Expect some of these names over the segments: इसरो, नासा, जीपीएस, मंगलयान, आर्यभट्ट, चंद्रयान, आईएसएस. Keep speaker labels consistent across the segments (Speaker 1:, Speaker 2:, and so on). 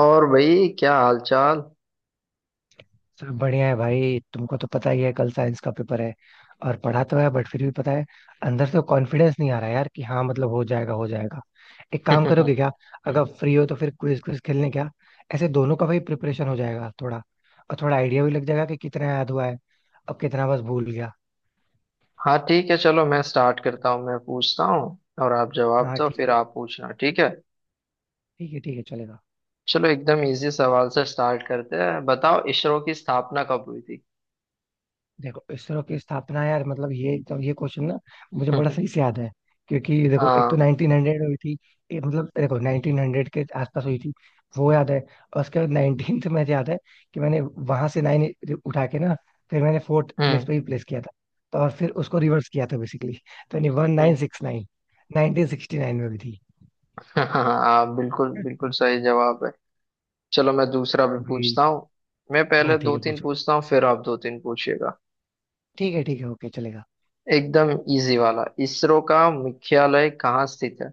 Speaker 1: और भाई क्या हालचाल।
Speaker 2: सब बढ़िया है भाई, तुमको तो पता ही है, कल साइंस का पेपर है। और पढ़ा तो है बट फिर भी पता है, अंदर से कॉन्फिडेंस नहीं आ रहा यार कि हाँ, मतलब हो जाएगा हो जाएगा। एक काम करोगे क्या? अगर फ्री हो तो फिर क्विज क्विज खेलने, क्या ऐसे दोनों का भाई प्रिपरेशन हो जाएगा थोड़ा, और थोड़ा आइडिया भी लग जाएगा कि कितना याद हुआ है, अब कितना बस भूल गया।
Speaker 1: हाँ, ठीक है, चलो मैं स्टार्ट करता हूँ। मैं पूछता हूँ और आप जवाब
Speaker 2: हाँ
Speaker 1: दो,
Speaker 2: ठीक
Speaker 1: फिर
Speaker 2: है।
Speaker 1: आप पूछना, ठीक है।
Speaker 2: ठीक है ठीक है, चलेगा।
Speaker 1: चलो एकदम इजी सवाल से स्टार्ट करते हैं। बताओ, इसरो की स्थापना कब हुई थी?
Speaker 2: देखो इसरो की स्थापना, यार मतलब ये क्वेश्चन ना, मुझे बड़ा सही से याद है। क्योंकि देखो, एक तो
Speaker 1: हाँ।
Speaker 2: 1900 हुई थी। एक मतलब देखो 1900 के आसपास हुई थी, वो याद है। और उसके बाद 19th में मुझे याद है, कि मैंने वहां से नाइन उठा के ना, फिर मैंने फोर्थ
Speaker 1: हम्म।
Speaker 2: प्लेस पे ही प्लेस किया था। तो और फिर उसको रिवर्स किया था बेसिकली, तो यानी वन नाइन
Speaker 1: हम्म।
Speaker 2: Six nine, nineteen sixty nine में भी थी।
Speaker 1: हाँ, बिल्कुल बिल्कुल सही जवाब है। चलो मैं दूसरा भी
Speaker 2: अभी
Speaker 1: पूछता हूँ। मैं
Speaker 2: हाँ
Speaker 1: पहले
Speaker 2: ठीक
Speaker 1: दो
Speaker 2: है,
Speaker 1: तीन
Speaker 2: पूछो।
Speaker 1: पूछता हूँ, फिर आप दो तीन पूछिएगा।
Speaker 2: ठीक है ठीक है, ओके, चलेगा।
Speaker 1: एकदम इजी वाला, इसरो का मुख्यालय कहाँ स्थित है?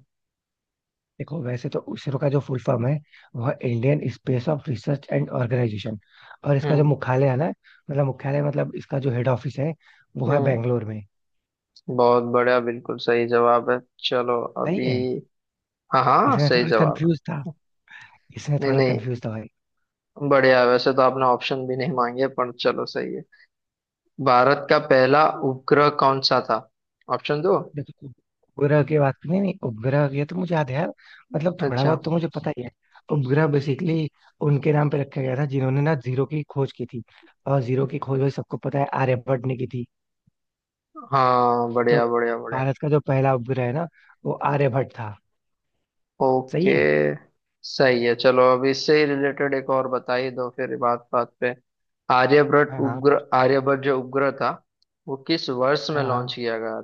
Speaker 2: देखो वैसे तो इसरो का जो फुल फॉर्म है, वह Indian space of research and organisation. और इसका जो
Speaker 1: हम्म।
Speaker 2: मुख्यालय है ना, मतलब मुख्यालय मतलब इसका जो हेड ऑफिस है, वो है
Speaker 1: हम्म।
Speaker 2: बैंगलोर में।
Speaker 1: बहुत बढ़िया, बिल्कुल सही जवाब है। चलो अभी।
Speaker 2: सही है।
Speaker 1: हाँ हाँ,
Speaker 2: इसमें
Speaker 1: सही
Speaker 2: थोड़ा
Speaker 1: जवाब
Speaker 2: कंफ्यूज था।
Speaker 1: है।
Speaker 2: इसमें
Speaker 1: नहीं
Speaker 2: थोड़ा
Speaker 1: नहीं,
Speaker 2: कंफ्यूज था भाई।
Speaker 1: बढ़िया है। वैसे तो आपने ऑप्शन भी नहीं मांगे, पर चलो सही है। भारत का पहला उपग्रह कौन सा था? ऑप्शन दो।
Speaker 2: देखो उपग्रह की बात, नहीं नहीं, उपग्रह ये तो मुझे याद है यार, मतलब थोड़ा
Speaker 1: अच्छा।
Speaker 2: बहुत तो मुझे पता ही है। उपग्रह बेसिकली उनके नाम पे रखा गया था जिन्होंने ना जीरो की खोज की थी। और जीरो की खोज भाई सबको पता है, आर्यभट्ट ने की थी।
Speaker 1: हाँ,
Speaker 2: तो
Speaker 1: बढ़िया बढ़िया बढ़िया।
Speaker 2: भारत का जो पहला उपग्रह है ना, वो आर्यभट्ट था। सही
Speaker 1: ओके।
Speaker 2: है।
Speaker 1: सही है। चलो अब इससे ही रिलेटेड एक और बता ही दो फिर। बात बात पे आर्यभट्ट
Speaker 2: हाँ हाँ।
Speaker 1: उपग्रह, आर्यभट्ट जो उपग्रह था, वो किस वर्ष
Speaker 2: हाँ
Speaker 1: में लॉन्च
Speaker 2: हाँ,
Speaker 1: किया गया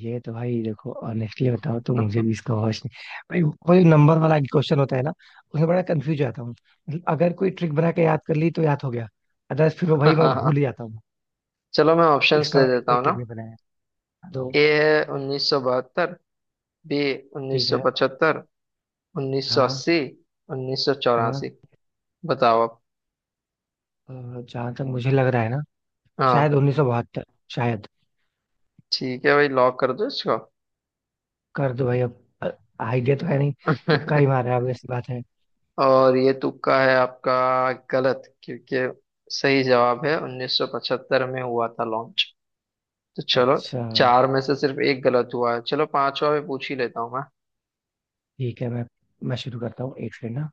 Speaker 2: ये तो भाई देखो, ऑनेस्टली बताओ तो मुझे भी इसका होश नहीं। भाई वो जो नंबर वाला क्वेश्चन होता है ना, उसमें बड़ा कंफ्यूज जाता हूँ। मतलब अगर कोई ट्रिक बना के याद कर ली तो याद हो गया, अदरवाइज फिर वो भाई मैं
Speaker 1: था?
Speaker 2: भूल ही जाता हूँ।
Speaker 1: चलो मैं ऑप्शंस
Speaker 2: इसका
Speaker 1: दे
Speaker 2: मैंने
Speaker 1: देता
Speaker 2: कोई
Speaker 1: हूँ ना।
Speaker 2: ट्रिक नहीं बनाया तो।
Speaker 1: ए है उन्नीस सौ बहत्तर। बी उन्नीस
Speaker 2: ठीक
Speaker 1: सौ
Speaker 2: है।
Speaker 1: पचहत्तर। उन्नीस सौ
Speaker 2: हाँ
Speaker 1: अस्सी। उन्नीस सौ
Speaker 2: हाँ,
Speaker 1: चौरासी। बताओ आप।
Speaker 2: जहां तक मुझे लग रहा है ना, शायद
Speaker 1: हाँ
Speaker 2: 1972। शायद।
Speaker 1: ठीक है भाई, लॉक कर दो इसको।
Speaker 2: कर दो भाई अब, आइडिया तो है नहीं। तुक्का ही मार रहा है, obvious सी बात है।
Speaker 1: और ये तुक्का है आपका, गलत, क्योंकि सही जवाब है 1975 में हुआ था लॉन्च। तो चलो,
Speaker 2: अच्छा।
Speaker 1: चार में से सिर्फ एक गलत हुआ है। चलो पांचवा भी पूछ ही लेता हूँ मैं।
Speaker 2: ठीक है, मैं शुरू करता हूँ एक सेकंड ना।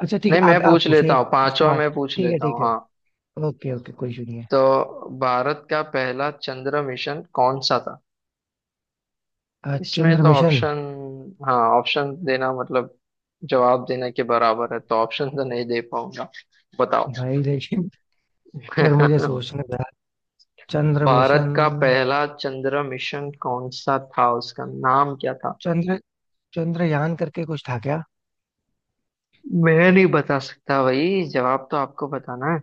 Speaker 2: अच्छा ठीक
Speaker 1: नहीं,
Speaker 2: है,
Speaker 1: मैं
Speaker 2: आप
Speaker 1: पूछ
Speaker 2: पूछो
Speaker 1: लेता
Speaker 2: एक,
Speaker 1: हूँ,
Speaker 2: उसके
Speaker 1: पांचवा
Speaker 2: बाद।
Speaker 1: मैं पूछ
Speaker 2: ठीक है
Speaker 1: लेता हूँ,
Speaker 2: ठीक है,
Speaker 1: हाँ।
Speaker 2: ओके ओके कोई इशू नहीं है।
Speaker 1: तो भारत का पहला चंद्र मिशन कौन सा था? इसमें
Speaker 2: चंद्र
Speaker 1: तो
Speaker 2: मिशन।
Speaker 1: ऑप्शन, हाँ, ऑप्शन देना मतलब जवाब देने के बराबर है, तो ऑप्शन तो नहीं दे पाऊंगा। बताओ।
Speaker 2: भाई लेकिन फिर मुझे सोचना था। चंद्र मिशन।
Speaker 1: भारत का पहला चंद्र मिशन कौन सा था, उसका नाम क्या था?
Speaker 2: चंद्र, चंद्रयान करके कुछ था क्या?
Speaker 1: मैं नहीं बता सकता भाई, जवाब तो आपको बताना है।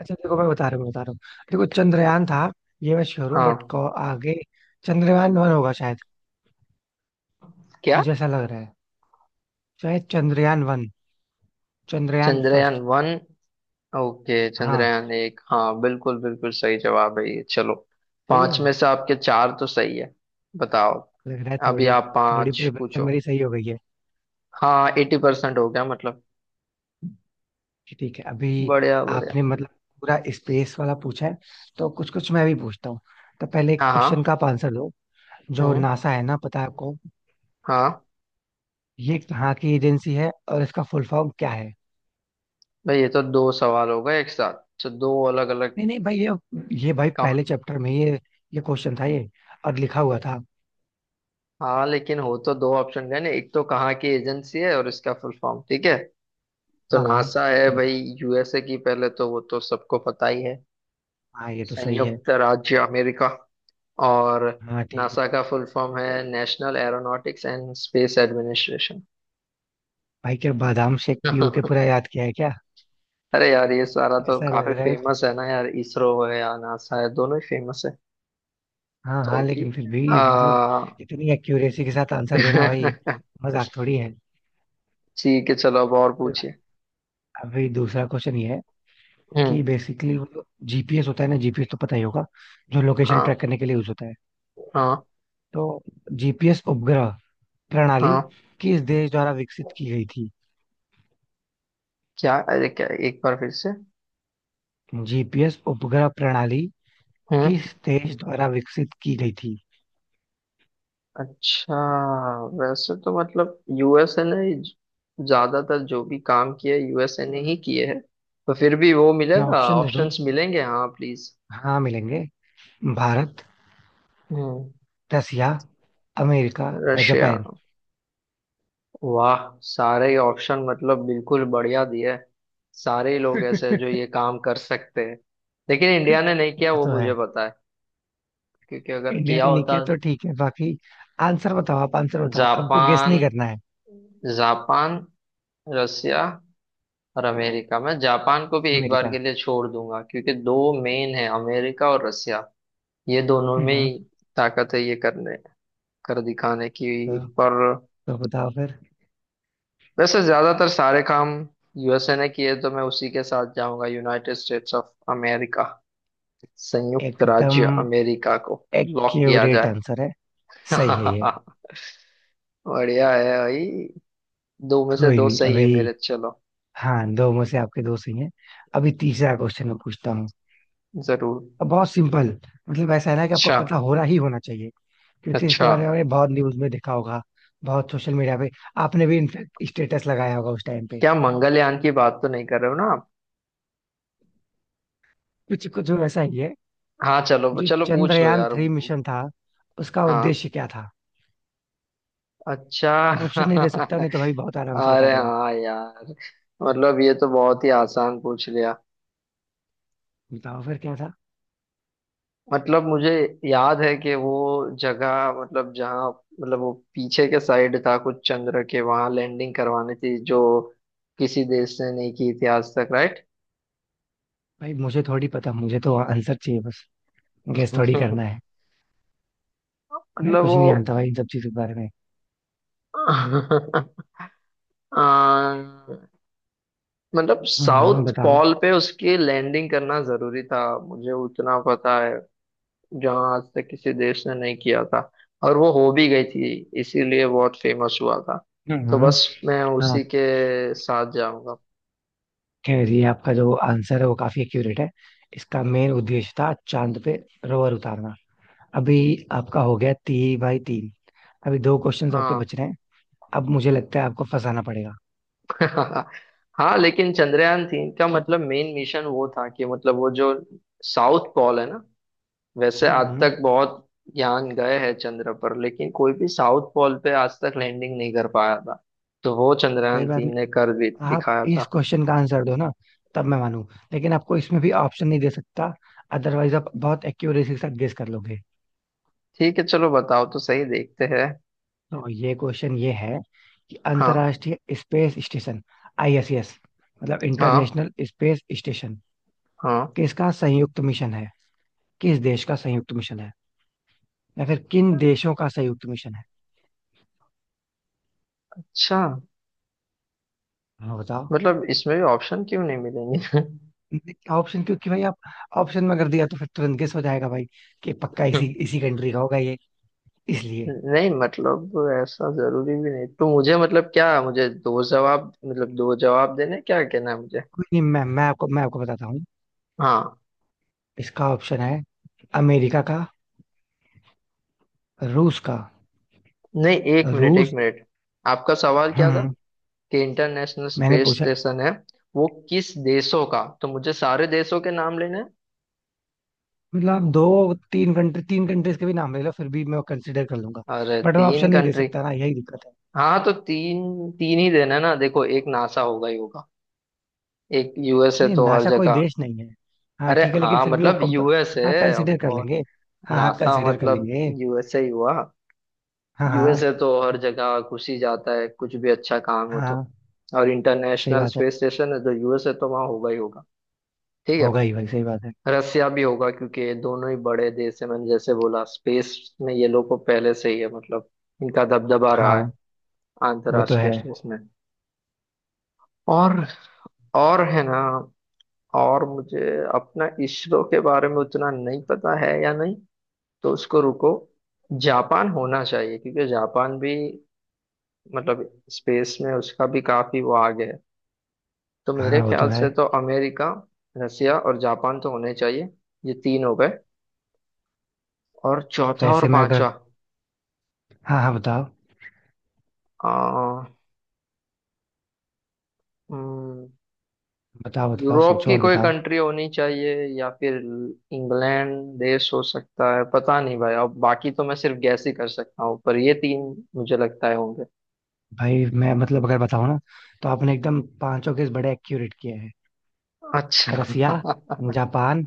Speaker 2: अच्छा देखो मैं बता रहा हूँ, बता रहा हूँ। देखो चंद्रयान था, ये मैं श्योर हूँ
Speaker 1: हाँ।
Speaker 2: बट आगे चंद्रयान वन होगा शायद।
Speaker 1: क्या?
Speaker 2: मुझे ऐसा लग रहा है, शायद चंद्रयान one, चंद्रयान
Speaker 1: चंद्रयान
Speaker 2: first.
Speaker 1: One? Okay,
Speaker 2: हाँ।
Speaker 1: चंद्रयान एक, हाँ, बिल्कुल बिल्कुल सही जवाब है ये। चलो,
Speaker 2: सही
Speaker 1: पांच
Speaker 2: है।
Speaker 1: में से आपके चार तो सही है। बताओ,
Speaker 2: लग रहा है
Speaker 1: अभी
Speaker 2: थोड़ी,
Speaker 1: आप
Speaker 2: थोड़ी
Speaker 1: पांच
Speaker 2: प्रिपरेशन
Speaker 1: पूछो।
Speaker 2: मेरी सही हो गई है।
Speaker 1: हाँ, एटी परसेंट हो गया मतलब।
Speaker 2: ठीक है। अभी
Speaker 1: बढ़िया बढ़िया।
Speaker 2: आपने मतलब पूरा स्पेस वाला पूछा है, तो कुछ कुछ मैं भी पूछता हूँ। तो पहले एक
Speaker 1: हाँ
Speaker 2: क्वेश्चन
Speaker 1: हाँ।
Speaker 2: का आप आंसर दो। जो
Speaker 1: हम्म।
Speaker 2: नासा है ना, पता है आपको?
Speaker 1: हाँ।
Speaker 2: ये कहाँ की एजेंसी है और इसका फुल फॉर्म क्या है?
Speaker 1: भाई ये तो दो सवाल हो गए एक साथ, तो दो अलग अलग
Speaker 2: नहीं नहीं भाई, ये भाई
Speaker 1: काउंट।
Speaker 2: पहले चैप्टर में ये क्वेश्चन था ये, और लिखा हुआ था।
Speaker 1: हाँ, लेकिन हो तो दो ऑप्शन गए ना, एक तो कहाँ की एजेंसी है और इसका फुल फॉर्म, ठीक है। तो
Speaker 2: हाँ हाँ,
Speaker 1: नासा है भाई,
Speaker 2: बताओ।
Speaker 1: यूएसए की, पहले तो वो तो सबको पता ही है,
Speaker 2: हाँ ये तो सही है।
Speaker 1: संयुक्त राज्य अमेरिका। और
Speaker 2: हाँ ठीक है।
Speaker 1: नासा का फुल फॉर्म है national aeronautics and space administration.
Speaker 2: भाई क्या बादाम शेक पीयू के पूरा याद किया है क्या?
Speaker 1: अरे यार ये सारा तो
Speaker 2: ऐसा लग
Speaker 1: काफी
Speaker 2: रहा है मुझे।
Speaker 1: फेमस है ना यार, इसरो है या नासा है, दोनों ही फेमस है।
Speaker 2: हाँ
Speaker 1: तो
Speaker 2: हाँ,
Speaker 1: अभी
Speaker 2: लेकिन फिर
Speaker 1: आ,
Speaker 2: भी मतलब इतनी एक्यूरेसी के साथ आंसर देना भाई, मजाक थोड़ी है।
Speaker 1: ठीक है, चलो अब और पूछिए।
Speaker 2: अभी दूसरा क्वेश्चन ये है, कि
Speaker 1: हम्म।
Speaker 2: बेसिकली वो जो जीपीएस होता है ना, जीपीएस तो पता ही होगा, जो लोकेशन
Speaker 1: हाँ।
Speaker 2: ट्रैक करने के लिए यूज होता है।
Speaker 1: हाँ।
Speaker 2: तो जीपीएस उपग्रह प्रणाली
Speaker 1: हाँ।
Speaker 2: किस देश द्वारा विकसित की गई थी?
Speaker 1: क्या? अरे क्या, एक बार फिर से।
Speaker 2: जीपीएस उपग्रह प्रणाली
Speaker 1: हम्म।
Speaker 2: किस देश द्वारा विकसित की गई थी?
Speaker 1: अच्छा, वैसे तो मतलब यूएसए ने ज्यादातर जो भी काम किया, यूएसए ने ही किए हैं। तो फिर भी वो
Speaker 2: मैं
Speaker 1: मिलेगा,
Speaker 2: ऑप्शन दे दूं?
Speaker 1: ऑप्शंस मिलेंगे? हाँ प्लीज।
Speaker 2: हाँ मिलेंगे। भारत,
Speaker 1: हम्म।
Speaker 2: रसिया, अमेरिका या
Speaker 1: रशिया।
Speaker 2: जापान।
Speaker 1: वाह, सारे ऑप्शन मतलब बिल्कुल बढ़िया दिए हैं। सारे ही लोग ऐसे हैं जो ये काम कर सकते हैं, लेकिन इंडिया ने नहीं किया,
Speaker 2: वो
Speaker 1: वो
Speaker 2: तो
Speaker 1: मुझे
Speaker 2: है।
Speaker 1: पता है, क्योंकि अगर
Speaker 2: इंडिया
Speaker 1: किया
Speaker 2: ने नहीं
Speaker 1: होता,
Speaker 2: किया तो ठीक है, बाकी आंसर बताओ आप, आंसर बताओ, आपको गेस
Speaker 1: जापान,
Speaker 2: नहीं करना है।
Speaker 1: जापान, रसिया और अमेरिका, मैं जापान को भी एक बार
Speaker 2: अमेरिका।
Speaker 1: के लिए छोड़ दूंगा, क्योंकि दो मेन है अमेरिका और रसिया, ये दोनों में
Speaker 2: हम्म।
Speaker 1: ही ताकत है ये करने कर दिखाने की।
Speaker 2: तो,
Speaker 1: पर
Speaker 2: तो बताओ फिर।
Speaker 1: वैसे ज्यादातर सारे काम यूएसए ने किए, तो मैं उसी के साथ जाऊंगा, यूनाइटेड स्टेट्स ऑफ अमेरिका, संयुक्त
Speaker 2: एकदम
Speaker 1: राज्य अमेरिका को लॉक किया
Speaker 2: एक्यूरेट
Speaker 1: जाए।
Speaker 2: आंसर है। सही है ये।
Speaker 1: बढ़िया है भाई, दो में से
Speaker 2: कोई
Speaker 1: दो
Speaker 2: नहीं।
Speaker 1: सही है
Speaker 2: अभी
Speaker 1: मेरे। चलो,
Speaker 2: हाँ, दो में से आपके दो सही हैं। अभी तीसरा क्वेश्चन मैं पूछता हूँ।
Speaker 1: जरूर।
Speaker 2: अब बहुत सिंपल। मतलब ऐसा है ना, कि आपको
Speaker 1: अच्छा।
Speaker 2: पता हो रहा ही होना चाहिए, क्योंकि इसके
Speaker 1: अच्छा,
Speaker 2: बारे में आपने बहुत न्यूज में देखा होगा, बहुत सोशल मीडिया पे आपने भी, इनफैक्ट, स्टेटस लगाया होगा उस टाइम पे।
Speaker 1: क्या मंगलयान की बात तो नहीं कर रहे हो ना?
Speaker 2: कुछ कुछ ऐसा ही है।
Speaker 1: हाँ, चलो
Speaker 2: जो
Speaker 1: चलो पूछ लो
Speaker 2: चंद्रयान
Speaker 1: यार।
Speaker 2: थ्री मिशन था, उसका
Speaker 1: हाँ।
Speaker 2: उद्देश्य क्या था?
Speaker 1: अच्छा।
Speaker 2: ऑप्शन नहीं दे सकता, नहीं तो भाई बहुत आराम से बता
Speaker 1: अरे
Speaker 2: दोगे।
Speaker 1: हाँ यार, मतलब ये तो बहुत ही आसान पूछ लिया।
Speaker 2: बताओ फिर क्या था।
Speaker 1: मतलब मुझे याद है कि वो जगह, मतलब जहाँ, मतलब वो पीछे के साइड था कुछ चंद्र के, वहां लैंडिंग करवानी थी जो किसी देश ने नहीं की थी आज तक, राइट।
Speaker 2: भाई मुझे थोड़ी पता, मुझे तो आंसर चाहिए बस, गेस थोड़ी करना है। मैं
Speaker 1: मतलब
Speaker 2: कुछ
Speaker 1: वो,
Speaker 2: नहीं जानता भाई इन सब चीजों के बारे में।
Speaker 1: अ, मतलब
Speaker 2: हम्म,
Speaker 1: साउथ
Speaker 2: बताओ।
Speaker 1: पॉल पे उसकी लैंडिंग करना जरूरी था, मुझे उतना पता है, जहाँ आज तक किसी देश ने नहीं किया था, और वो हो भी गई थी, इसीलिए बहुत फेमस हुआ था, तो
Speaker 2: हम्म।
Speaker 1: बस मैं उसी
Speaker 2: हाँ।
Speaker 1: के साथ जाऊंगा।
Speaker 2: खैर ये आपका जो आंसर है वो काफी एक्यूरेट है। इसका मेन उद्देश्य था चांद पे रोवर उतारना। अभी आपका हो गया 3/3। अभी दो क्वेश्चंस आपके
Speaker 1: हाँ।
Speaker 2: बच रहे हैं। अब मुझे लगता है आपको फंसाना पड़ेगा।
Speaker 1: हाँ, लेकिन चंद्रयान तीन का मतलब मेन मिशन वो था कि, मतलब वो जो साउथ पोल है ना, वैसे आज
Speaker 2: हम्म।
Speaker 1: तक बहुत यान गए हैं चंद्र पर, लेकिन कोई भी साउथ पोल पे आज तक लैंडिंग नहीं कर पाया था, तो वो
Speaker 2: कोई
Speaker 1: चंद्रयान
Speaker 2: बात नहीं,
Speaker 1: तीन ने कर भी
Speaker 2: आप
Speaker 1: दिखाया
Speaker 2: इस
Speaker 1: था।
Speaker 2: क्वेश्चन का आंसर दो ना, तब मैं मानू। लेकिन आपको इसमें भी ऑप्शन नहीं दे सकता, अदरवाइज आप बहुत एक्यूरेसी के साथ गेस कर लोगे।
Speaker 1: ठीक है चलो बताओ तो, सही देखते हैं।
Speaker 2: तो ये क्वेश्चन ये है, कि
Speaker 1: हाँ
Speaker 2: अंतर्राष्ट्रीय स्पेस स्टेशन, आईएसएस, मतलब
Speaker 1: हाँ।
Speaker 2: इंटरनेशनल स्पेस स्टेशन,
Speaker 1: हाँ।
Speaker 2: किसका संयुक्त मिशन है? किस देश का संयुक्त मिशन है, या फिर किन देशों का संयुक्त मिशन है?
Speaker 1: अच्छा,
Speaker 2: हाँ बताओ।
Speaker 1: मतलब इसमें भी ऑप्शन क्यों नहीं मिलेंगे?
Speaker 2: ऑप्शन क्योंकि भाई आप, ऑप्शन में कर दिया तो फिर तुरंत गेस हो जाएगा भाई, कि पक्का इसी इसी कंट्री का होगा ये, इसलिए।
Speaker 1: नहीं मतलब ऐसा जरूरी भी नहीं, तो मुझे मतलब क्या, मुझे दो जवाब, मतलब दो जवाब देने, क्या कहना है मुझे।
Speaker 2: कोई नहीं, मैं आपको बताता हूँ।
Speaker 1: हाँ।
Speaker 2: इसका ऑप्शन है, अमेरिका का, रूस का,
Speaker 1: नहीं, एक मिनट एक
Speaker 2: रूस।
Speaker 1: मिनट। आपका सवाल क्या था,
Speaker 2: हम्म।
Speaker 1: कि इंटरनेशनल
Speaker 2: मैंने
Speaker 1: स्पेस
Speaker 2: पूछा,
Speaker 1: स्टेशन है वो किस देशों का, तो मुझे सारे देशों के नाम लेने हैं?
Speaker 2: मतलब आप दो तीन कंट्री, तीन कंट्रीज के भी नाम ले लो फिर भी मैं कंसिडर कर लूंगा,
Speaker 1: अरे,
Speaker 2: बट मैं
Speaker 1: तीन
Speaker 2: ऑप्शन नहीं दे
Speaker 1: कंट्री।
Speaker 2: सकता ना, यही दिक्कत है।
Speaker 1: हाँ तो तीन तीन ही देना है ना। देखो, एक नासा होगा ही होगा, एक यूएस है
Speaker 2: नहीं,
Speaker 1: तो हर
Speaker 2: नासा कोई
Speaker 1: जगह।
Speaker 2: देश नहीं है। हाँ
Speaker 1: अरे
Speaker 2: ठीक है, लेकिन
Speaker 1: हाँ
Speaker 2: फिर भी वो
Speaker 1: मतलब
Speaker 2: कम,
Speaker 1: यूएस
Speaker 2: हाँ,
Speaker 1: है।
Speaker 2: कंसिडर कर लेंगे, हाँ हाँ
Speaker 1: नासा
Speaker 2: कंसिडर कर
Speaker 1: मतलब
Speaker 2: लेंगे।
Speaker 1: यूएसए ही हुआ।
Speaker 2: हाँ।
Speaker 1: यूएसए
Speaker 2: हाँ
Speaker 1: तो हर जगह घुस ही जाता है, कुछ भी अच्छा काम हो तो।
Speaker 2: हाँ,
Speaker 1: और
Speaker 2: सही
Speaker 1: इंटरनेशनल
Speaker 2: बात है।
Speaker 1: स्पेस स्टेशन है तो यूएसए तो वहाँ होगा ही होगा। ठीक है।
Speaker 2: होगा ही भाई, सही बात है।
Speaker 1: रसिया भी होगा, क्योंकि ये दोनों ही बड़े देश है, मैंने जैसे बोला, स्पेस में ये लोग को पहले से ही है, मतलब इनका दबदबा रहा है
Speaker 2: हाँ वो तो
Speaker 1: अंतर्राष्ट्रीय
Speaker 2: है।
Speaker 1: स्पेस में। और और है ना। और मुझे अपना इसरो के बारे में उतना नहीं पता है या नहीं, तो उसको रुको। जापान होना चाहिए, क्योंकि जापान भी मतलब स्पेस में उसका भी काफी वो आगे है। तो मेरे
Speaker 2: हाँ वो तो
Speaker 1: ख्याल
Speaker 2: है।
Speaker 1: से तो अमेरिका, रसिया और जापान तो होने चाहिए। ये तीन हो गए, और चौथा और
Speaker 2: वैसे मैं अगर,
Speaker 1: पांचवा,
Speaker 2: हाँ हाँ बताओ,
Speaker 1: आ, हम्म,
Speaker 2: बताओ बताओ
Speaker 1: यूरोप
Speaker 2: सोचो
Speaker 1: की
Speaker 2: और
Speaker 1: कोई
Speaker 2: बताओ।
Speaker 1: कंट्री होनी चाहिए, या फिर इंग्लैंड देश हो सकता है, पता नहीं भाई, अब बाकी तो मैं सिर्फ गैस ही कर सकता हूँ, पर ये तीन मुझे लगता है होंगे।
Speaker 2: भाई मैं, मतलब अगर बताऊँ ना, तो आपने एकदम पांचों केस बड़े एक्यूरेट किए हैं।
Speaker 1: अच्छा।
Speaker 2: रसिया, जापान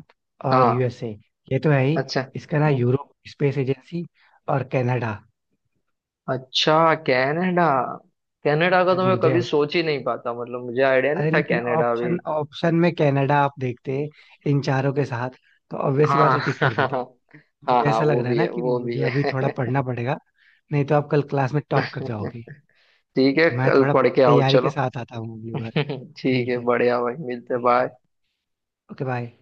Speaker 2: और
Speaker 1: हाँ।
Speaker 2: यूएसए, ये तो है ही।
Speaker 1: अच्छा।
Speaker 2: इसका ना यूरोप स्पेस एजेंसी, और कनाडा।
Speaker 1: अच्छा, कनाडा। कनाडा का
Speaker 2: भाई
Speaker 1: तो मैं
Speaker 2: मुझे
Speaker 1: कभी
Speaker 2: ऐसा-
Speaker 1: सोच ही नहीं पाता, मतलब मुझे आइडिया नहीं
Speaker 2: अरे
Speaker 1: था
Speaker 2: लेकिन
Speaker 1: कनाडा भी।
Speaker 2: ऑप्शन ऑप्शन में कनाडा आप देखते इन चारों के साथ, तो ऑब्वियस सी बात
Speaker 1: हाँ।
Speaker 2: है, टिक कर देते।
Speaker 1: हाँ
Speaker 2: मुझे
Speaker 1: हाँ,
Speaker 2: ऐसा लग
Speaker 1: वो
Speaker 2: रहा है
Speaker 1: भी
Speaker 2: ना,
Speaker 1: है
Speaker 2: कि
Speaker 1: वो भी
Speaker 2: मुझे अभी
Speaker 1: है।
Speaker 2: थोड़ा पढ़ना पड़ेगा, नहीं तो आप कल क्लास में टॉप कर जाओगे।
Speaker 1: ठीक है,
Speaker 2: मैं
Speaker 1: कल
Speaker 2: थोड़ा
Speaker 1: पढ़ के आओ
Speaker 2: तैयारी
Speaker 1: चलो।
Speaker 2: के साथ आता हूँ अगली बार।
Speaker 1: ठीक
Speaker 2: ठीक
Speaker 1: है,
Speaker 2: है।
Speaker 1: बढ़िया भाई, मिलते,
Speaker 2: ठीक है।
Speaker 1: बाय।
Speaker 2: Okay, bye.